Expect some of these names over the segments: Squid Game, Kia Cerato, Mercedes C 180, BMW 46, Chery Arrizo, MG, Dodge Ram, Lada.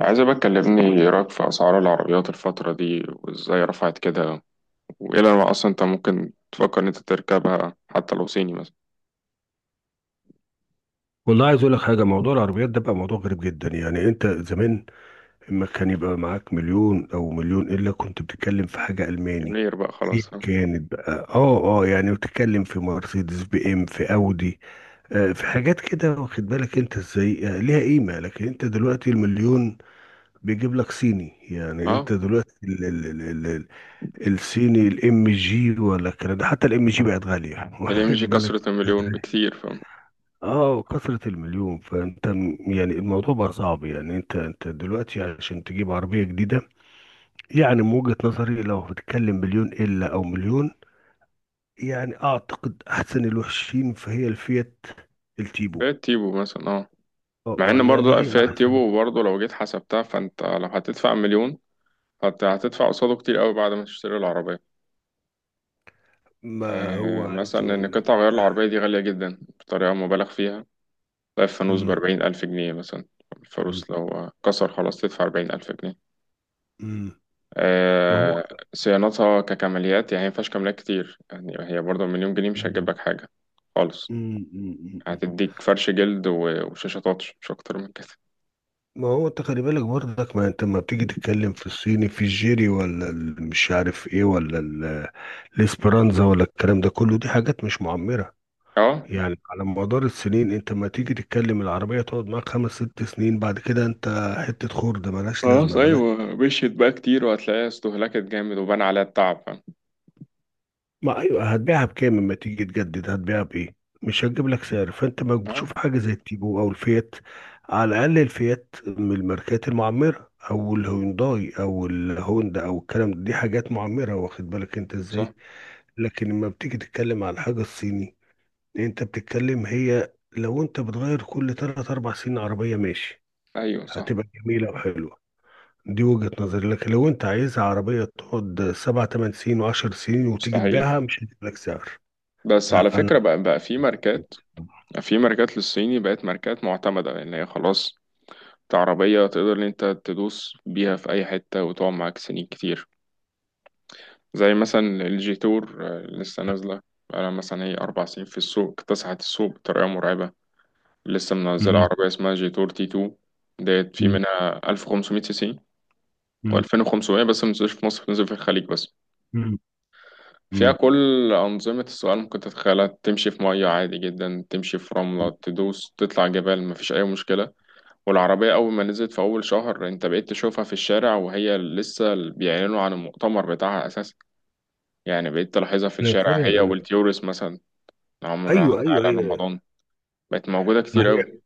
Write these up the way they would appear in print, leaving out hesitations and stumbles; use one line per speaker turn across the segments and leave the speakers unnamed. عايز بقى تكلمني إيه رأيك في أسعار العربيات الفترة دي وإزاي رفعت كده؟ وإيه أنواع أصلا أنت ممكن تفكر إن أنت تركبها حتى لو صيني مثلا؟
والله عايز اقول لك حاجه. موضوع العربيات ده بقى موضوع غريب جدا. يعني انت زمان لما كان يبقى معاك مليون او مليون الا كنت بتتكلم في حاجه الماني
مليونير بقى
ايا
خلاص ها؟
كانت بقى، يعني بتتكلم في مرسيدس بي ام في اودي، في حاجات كده، واخد بالك انت ازاي، ليها قيمه. لكن انت دلوقتي المليون بيجيب لك صيني. يعني
أه،
انت دلوقتي ال ال ال ال ال الصيني الام جي ولا الكلام ده. حتى الام جي بقت غاليه،
الإم جي
واخد بالك.
كسرت المليون بكتير، فاهم؟
اه كثرة المليون. فانت يعني الموضوع بقى صعب. يعني انت دلوقتي عشان تجيب عربية جديدة، يعني من وجهة نظري لو بتتكلم مليون الا او مليون، يعني اعتقد احسن الوحشين فهي الفيات
فئة
التيبو.
تيبو مثلا، أه. مع إن
يعني
برضه لأ،
هي
فئة
احسن.
تيبو برضه لو جيت حسبتها فأنت لو هتدفع مليون فأنت هتدفع قصاده كتير أوي بعد ما تشتري العربية.
ما هو
أه،
عايز
مثلا إن
اقول لك.
قطع غيار العربية دي غالية جدا بطريقة مبالغ فيها. تلاقي الفانوس
أمم،
بأربعين ألف جنيه مثلا.
أمم،
الفانوس لو كسر خلاص تدفع أربعين ألف جنيه.
أمم. ما هو.
آه، صيانتها ككماليات يعني مينفعش كماليات كتير، يعني هي برضه مليون جنيه مش
أمم،
هتجيب لك حاجة خالص.
أمم، أمم، أمم.
هتديك فرش جلد وشاشة تاتش مش أكتر من كده.
ما هو انت خلي بالك برضك. ما انت لما بتيجي تتكلم في الصيني، في الجيري ولا مش عارف ايه، ولا الاسبرانزا ولا الكلام ده كله، دي حاجات مش معمرة.
اه،
يعني على مدار السنين انت ما تيجي تتكلم، العربية تقعد معاك خمس ست سنين بعد كده انت حتة خردة ملهاش
خلاص
لازمة ملهاش.
أيوة مشيت بقى كتير وهتلاقيها استهلكت جامد وبان عليها التعب، فاهم؟
ما ايوه، هتبيعها بكام اما تيجي تجدد؟ هتبيعها بايه؟ مش هتجيب لك سعر. فانت ما
اه،
بتشوف حاجة زي التيجو او الفيات. على الاقل الفيات من الماركات المعمرة، او الهونداي او الهوندا او الكلام ده، دي حاجات معمرة واخد بالك انت
صح.
ازاي. لكن لما بتيجي تتكلم على الحاجة الصيني، انت بتتكلم، هي لو انت بتغير كل تلات اربع سنين عربية، ماشي،
أيوة صح.
هتبقى جميلة وحلوة. دي وجهة نظري. لكن لو انت عايزها عربية تقعد سبع تمن سنين وعشر سنين، وتيجي
مستحيل.
تبيعها، مش هجيب لك سعر.
بس على
لا انا.
فكرة بقى، في ماركات في ماركات للصيني بقت ماركات معتمدة، لأن هي خلاص عربية تقدر إن أنت تدوس بيها في أي حتة وتقعد معاك سنين كتير. زي مثلا الجيتور، آه، لسه نازلة. بقالها مثلا هي أربع سنين في السوق، اكتسحت السوق بطريقة مرعبة. لسه منزلة
مم.
عربية اسمها جيتور تي تو. ديت في
مم.
منها ألف وخمسمية سي سي
مم.
وألفين وخمسمية، بس منزلش في مصر، بتنزل في الخليج بس.
مم.
فيها
مم.
كل أنظمة السؤال ممكن تتخيلها، تمشي في مية عادي جدا، تمشي في رملة، تدوس تطلع جبال مفيش أي مشكلة. والعربية أول ما نزلت في أول شهر أنت بقيت تشوفها في الشارع، وهي لسه بيعلنوا عن المؤتمر بتاعها أساسا. يعني بقيت تلاحظها في
انا
الشارع، هي
فاهم انا.
والتيورس مثلا. عمرو على
ايوه ايوه ايوه.
رمضان. بقت موجودة
ما
كتير أوي.
هي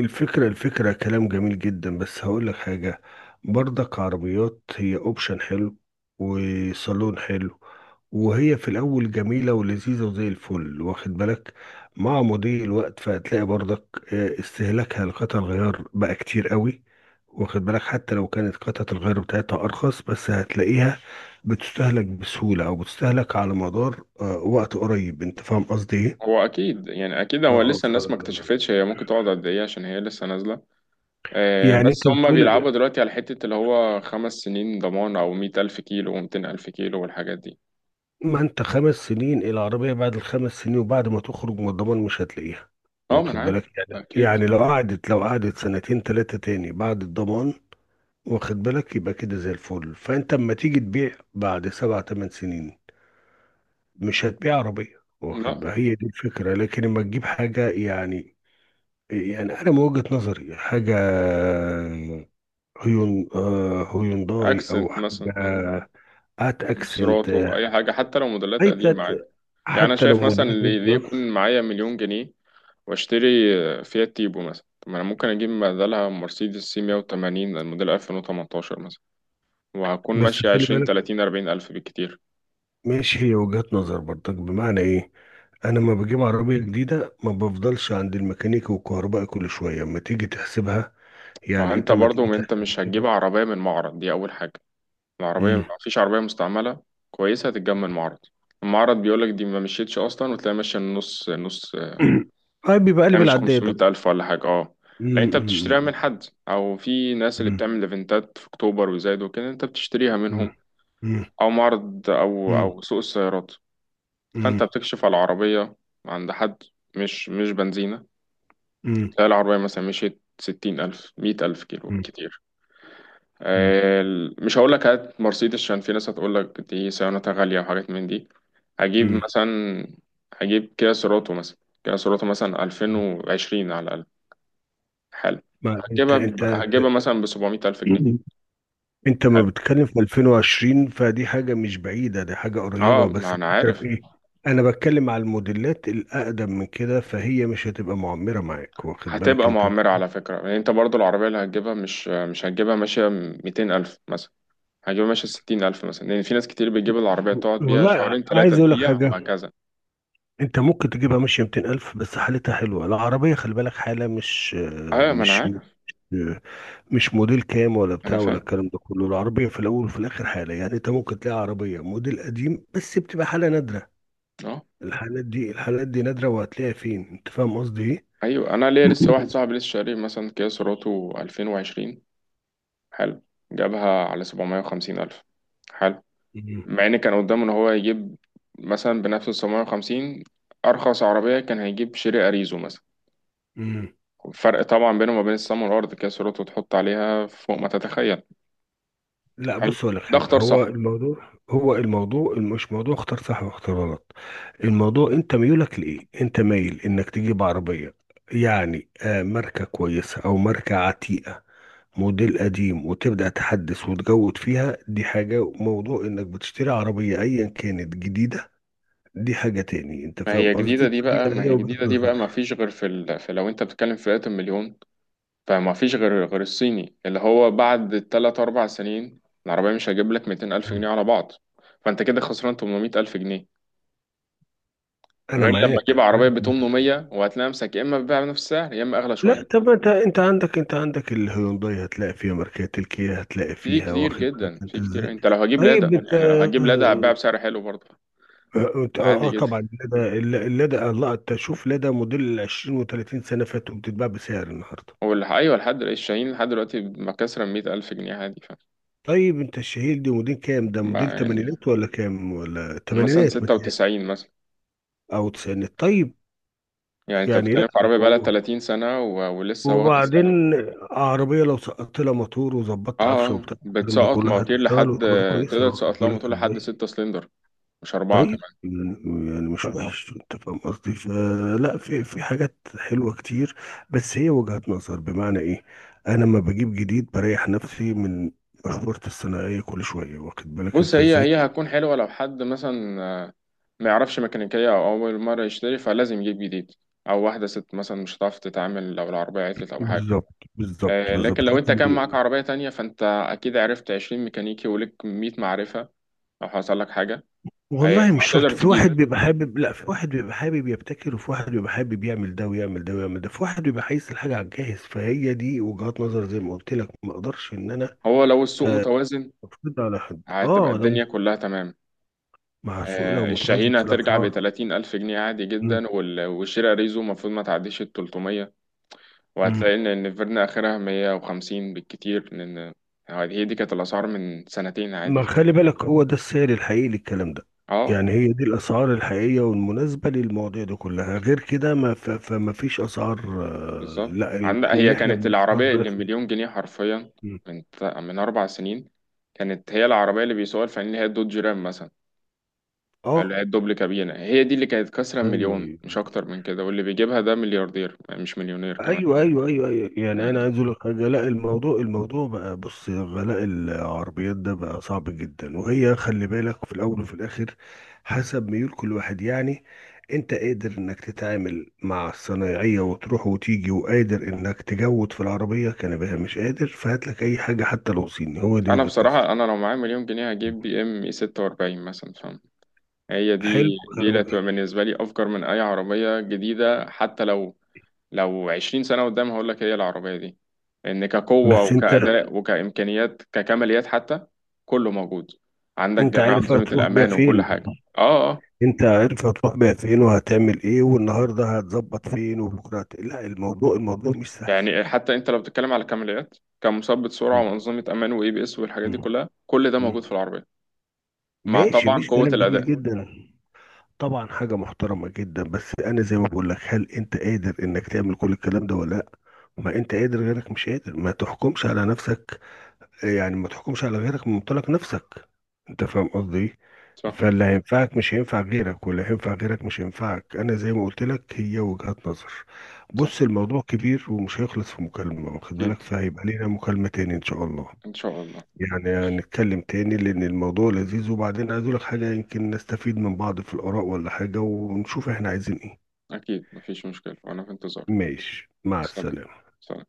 الفكرة كلام جميل جدا، بس هقول لك حاجة. برضك عربيات هي اوبشن حلو، وصالون حلو. وهي في الأول جميلة ولذيذة وزي الفل، واخد بالك. مع مضي الوقت فهتلاقي برضك استهلاكها لقطع الغيار بقى كتير قوي. واخد بالك حتى لو كانت قطعة الغيار بتاعتها أرخص، بس هتلاقيها بتستهلك بسهولة، أو بتستهلك على مدار وقت قريب. أنت فاهم قصدي إيه؟
هو أكيد يعني، أكيد هو
آه،
لسه
ف-
الناس ما اكتشفتش هي ممكن تقعد قد إيه، عشان هي لسه نازلة.
يعني
بس
انت
هما
بتقول.
بيلعبوا دلوقتي على حتة اللي هو خمس سنين ضمان أو مية ألف كيلو ومتين ألف كيلو والحاجات دي.
ما انت خمس سنين العربية، بعد الخمس سنين وبعد ما تخرج من الضمان مش هتلاقيها.
أه، ما أنا
واخد
عارف.
بالك
ده
يعني،
أكيد.
يعني لو قعدت سنتين تلاتة تاني بعد الضمان، واخد بالك، يبقى كده زي الفل. فانت اما تيجي تبيع بعد سبع تمن سنين، مش هتبيع عربية، واخد
لا.
بالك. هي دي الفكرة. لكن اما تجيب حاجة، يعني، يعني انا من وجهة نظري حاجة هيونداي او
أكسنت مثلا.
حاجة. هات اكسنت.
سيراتو أي حاجة، حتى لو موديلات
حتى
قديمة عادي. يعني أنا
حتى لو
شايف مثلا
موديلات.
اللي يكون معايا مليون جنيه وأشتري، فيات تيبو مثلا. طب ما أنا ممكن أجيب بدلها مرسيدس سي 180 الموديل 2018 مثلا، وهكون
بس
ماشي
خلي
عشرين
بالك،
تلاتين أربعين ألف بالكتير.
ماشي، هي وجهات نظر برضك. بمعنى ايه؟ انا لما بجيب عربيه جديده ما بفضلش عند الميكانيكي والكهربائي كل شويه. اما تيجي تحسبها،
ما هو
يعني
أنت
انت ما
برضو،
تيجي
ما أنت
تحسب
مش هتجيب
الخيمه.
عربية من معرض دي أول حاجة. العربية
امم.
مفيش عربية مستعملة كويسة هتتجمع من معرض. المعرض بيقولك دي ما مشيتش أصلا وتلاقي ماشية النص نص.
هاي بيبقى قلب
يعني مش
العداد
خمسمية
ده.
ألف ولا حاجة، أه. لا، أنت بتشتريها
امم.
من حد، أو في ناس اللي
أمم،
بتعمل إيفنتات في أكتوبر وزايد وكده أنت بتشتريها منهم.
أمم، أمم،
أو معرض أو
أمم،
أو سوق السيارات. فأنت
أمم،
بتكشف على العربية عند حد، مش بنزينة.
أمم،
تلاقي العربية مثلا مشيت ستين ألف مية ألف كيلو
أمم،
كتير.
أمم.
مش هقول لك هات مرسيدس، عشان في ناس هتقول لك دي صيانتها غالية وحاجات من دي. هجيب
أمم.
مثلا، هجيب كيا سيراتو مثلا. كيا سيراتو مثلا ألفين وعشرين على الأقل. حلو.
ما انت انت
هتجيبها
انت
مثلا بسبعمية ألف جنيه.
انت ما
حلو.
بتتكلم في 2020، فدي حاجة مش بعيدة، دي حاجة
اه،
قريبة. بس
ما أنا
الفكرة
عارف.
في ايه؟ انا بتكلم على الموديلات الاقدم من كده، فهي مش هتبقى معمرة معاك واخد بالك
هتبقى
انت.
معمرة على فكرة، يعني أنت برضو العربية اللي هتجيبها مش هتجيبها ماشية ميتين ألف مثلا. هجيبها ماشية ستين ألف مثلا، لأن في ناس كتير بتجيب العربية تقعد بيها
والله
شهرين تلاتة
عايز اقول لك
تبيع
حاجة.
وهكذا.
انت ممكن تجيبها ماشية 200,000 بس حالتها حلوة. العربية خلي بالك حالة.
ايوه ما انا
مش
عارف.
مش موديل كام ولا
انا
بتاع ولا
فاهم.
الكلام ده كله. العربية في الاول وفي الاخر حالة. يعني انت ممكن تلاقي عربية موديل قديم بس بتبقى حالة نادرة.
اه.
الحالات دي نادرة. وهتلاقيها فين؟ انت فاهم قصدي ايه.
ايوه، انا ليا لسه واحد صاحبي لسه شاري مثلا كيا سيراتو 2020. حلو. جابها على 750 الف. حلو.
مم.
مع ان كان قدامه ان هو يجيب مثلا بنفس ال 750، ارخص عربيه كان هيجيب شيري اريزو مثلا.
مم.
الفرق طبعا بينه وما بين السما والارض. كيا سيراتو تحط عليها فوق ما تتخيل.
لا
حلو.
بص اقول لك
ده
حاجه.
اختار صح.
هو الموضوع مش موضوع اختار صح واختار غلط. الموضوع انت ميولك لايه. انت مايل انك تجيب عربيه، يعني آه ماركه كويسه او ماركه عتيقه موديل قديم وتبدا تحدث وتجود فيها، دي حاجه. موضوع انك بتشتري عربيه ايا كانت جديده، دي حاجه تاني. انت
ما
فاهم
هي جديده
قصدي.
دي
هي
بقى، ما
هي
هي
وجهه
جديده دي بقى ما
نظر.
فيش غير في، لو انت بتتكلم في فئه المليون فما فيش غير، غير الصيني، اللي هو بعد تلات أربع سنين العربية مش هجيب لك ميتين ألف جنيه
مم.
على بعض. فأنت كده خسران تمنمية ألف جنيه،
انا
غير لما
معاك
تجيب عربية
معاك
بتمنمية وهتلاقي نفسك يا إما بتبيع بنفس السعر يا إما أغلى شوية.
لا طب ما انت، انت عندك الهيونداي هتلاقي فيها ماركات، الكيا هتلاقي
في
فيها،
كتير
واخد
جدا،
بالك انت
في كتير.
ازاي.
أنت لو هجيب
طيب
لادا،
انت
يعني لو هتجيب لادا هتبيع
اه.
بسعر حلو برضه، عادي
اه،
جدا.
طبعا لدى. لدى الله انت شوف، لدى موديل ال 20 و30 سنه فاتوا بتتباع بسعر النهارده.
أيوه، لحد دلوقتي الشاهين لحد دلوقتي مكسرة مية ألف جنيه عادي، ف
طيب انت الشهير دي موديل كام؟ ده
ما
موديل
يعني
تمانينات ولا كام؟ ولا
مثلا
تمانينات
ستة
متهيألي،
وتسعين مثلا.
او تسعينات. طيب
يعني أنت
يعني
بتتكلم
لا.
في عربية بقالها
و-
تلاتين سنة ولسه واخدة.
وبعدين عربيه لو سقطت لها موتور
اه،
وظبطت عفشه وبتاع الكلام ده
بتسقط
كله،
مواتير
هتشتغل
لحد،
وتبقى كويسه،
تقدر
واخد
تسقط لها
بالك
موتور لحد
ازاي.
ستة سلندر، مش أربعة
طيب
كمان.
يعني مش وحش، انت فاهم قصدي. فلا في حاجات حلوه كتير. بس هي وجهات نظر. بمعنى ايه؟ انا لما بجيب جديد بريح نفسي من مشورة الثانويه كل شويه، واخد بالك
بص،
انت
هي
ازاي.
هي هتكون حلوة لو حد مثلا، ما يعرفش ميكانيكية أو أول مرة يشتري فلازم يجيب جديد. أو واحدة ست مثلا مش هتعرف تتعامل لو العربية عطلت أو حاجة.
بالظبط بالظبط
لكن
بالظبط.
لو أنت
لكن
كان معاك عربية تانية فأنت أكيد عرفت عشرين ميكانيكي وليك مية معرفة لو حصل لك حاجة.
والله مش شرط.
فهتقدر
في
تجيب.
واحد بيبقى حابب، لا في واحد بيبقى حابب يبتكر، وفي واحد بيبقى حابب يعمل ده ويعمل ده ويعمل ده، في واحد بيبقى عايز الحاجه على الجاهز. فهي دي وجهات نظر زي ما قلت لك. ما اقدرش ان انا
هو لو السوق
آه،
متوازن
افرض على حد.
هتبقى
اه لو
الدنيا كلها تمام.
مع السوق، لو متوازن
الشاهين
في
هترجع
الاسعار.
بتلاتين ألف جنيه عادي جدا،
مم.
والشيرة ريزو المفروض ما تعديش التلتمية.
مم.
وهتلاقي إن النفيرنا آخرها مية وخمسين بالكتير، لأن هي دي كانت الأسعار من سنتين عادي
ما خلي بالك، هو ده السعر الحقيقي للكلام ده.
اه.
يعني هي دي الاسعار الحقيقيه والمناسبه للمواضيع دي كلها. غير كده، ما ف... فما فيش اسعار. آه،
بالظبط،
لا ال-
عند
احنا
هي
اللي احنا
كانت
بندفعها
العربية اللي
دلوقتي.
مليون جنيه حرفيا
مم.
من أربع سنين. كانت هي العربية اللي بيسوقها الفنانين اللي هي الدوج رام مثلا. اللي
اه.
هي الدبل كابينة، هي دي اللي كانت كسرة
ايوه
مليون
ايوه
مش أكتر من كده، واللي بيجيبها ده ملياردير مش مليونير كمان.
ايوه ايوه ايوه ايوه. يعني انا
يعني
عايز اقول لك حاجه. لا الموضوع بقى، بص غلاء العربيات ده بقى صعب جدا. وهي خلي بالك في الاول وفي الاخر حسب ميول كل واحد، يعني. انت قادر انك تتعامل مع الصنايعيه وتروح وتيجي، وقادر انك تجود في العربيه كان بها مش قادر، فهات لك اي حاجه حتى لو صيني. هو دي
انا
وجهه نظري.
بصراحه انا لو معايا مليون جنيه هجيب بي ام اي 46 مثلا، فاهم؟ هي
حلو
دي، دي اللي
الكلام ده.
هتبقى بالنسبه لي افجر من اي عربيه جديده، حتى لو، لو 20 سنه قدام هقول لك هي العربيه دي. ان كقوه
بس انت،
وكاداء وكامكانيات ككماليات حتى، كله موجود. عندك
انت
جميع
عارف
انظمه
هتروح بيها
الامان وكل
فين؟
حاجه. اه اه.
انت عارف هتروح بيها فين وهتعمل ايه، والنهارده هتظبط فين وبكره لا الموضوع، الموضوع مش سهل.
يعني حتى انت لو بتتكلم على كماليات كمثبت سرعه
مم.
وانظمه امان واي بي اس والحاجات دي
مم.
كلها كل ده موجود
مم.
في العربيه، مع
ماشي،
طبعا
مش
قوه
كلام جميل
الاداء.
جدا. طبعا حاجة محترمة جدا. بس انا زي ما بقول لك، هل انت قادر انك تعمل كل الكلام ده ولا لا؟ ما انت قادر غيرك مش قادر. ما تحكمش على نفسك، يعني ما تحكمش على غيرك من منطلق نفسك. انت فاهم قصدي ايه؟
صح.
فاللي هينفعك مش هينفع غيرك، واللي هينفع غيرك مش هينفعك. انا زي ما قلت لك، هي وجهات نظر.
صح.
بص الموضوع كبير ومش هيخلص في مكالمة، واخد بالك.
اكيد.
فهيبقى لينا مكالمة تاني ان شاء الله.
ان شاء الله.
يعني
ماشي.
هنتكلم تاني، لان الموضوع لذيذ. وبعدين عايز اقول لك حاجة، يمكن نستفيد من بعض في الاراء ولا حاجة، ونشوف احنا عايزين ايه.
أكيد مفيش مشكلة وأنا في انتظار.
ماشي، مع
سلام.
السلامة.
سلام.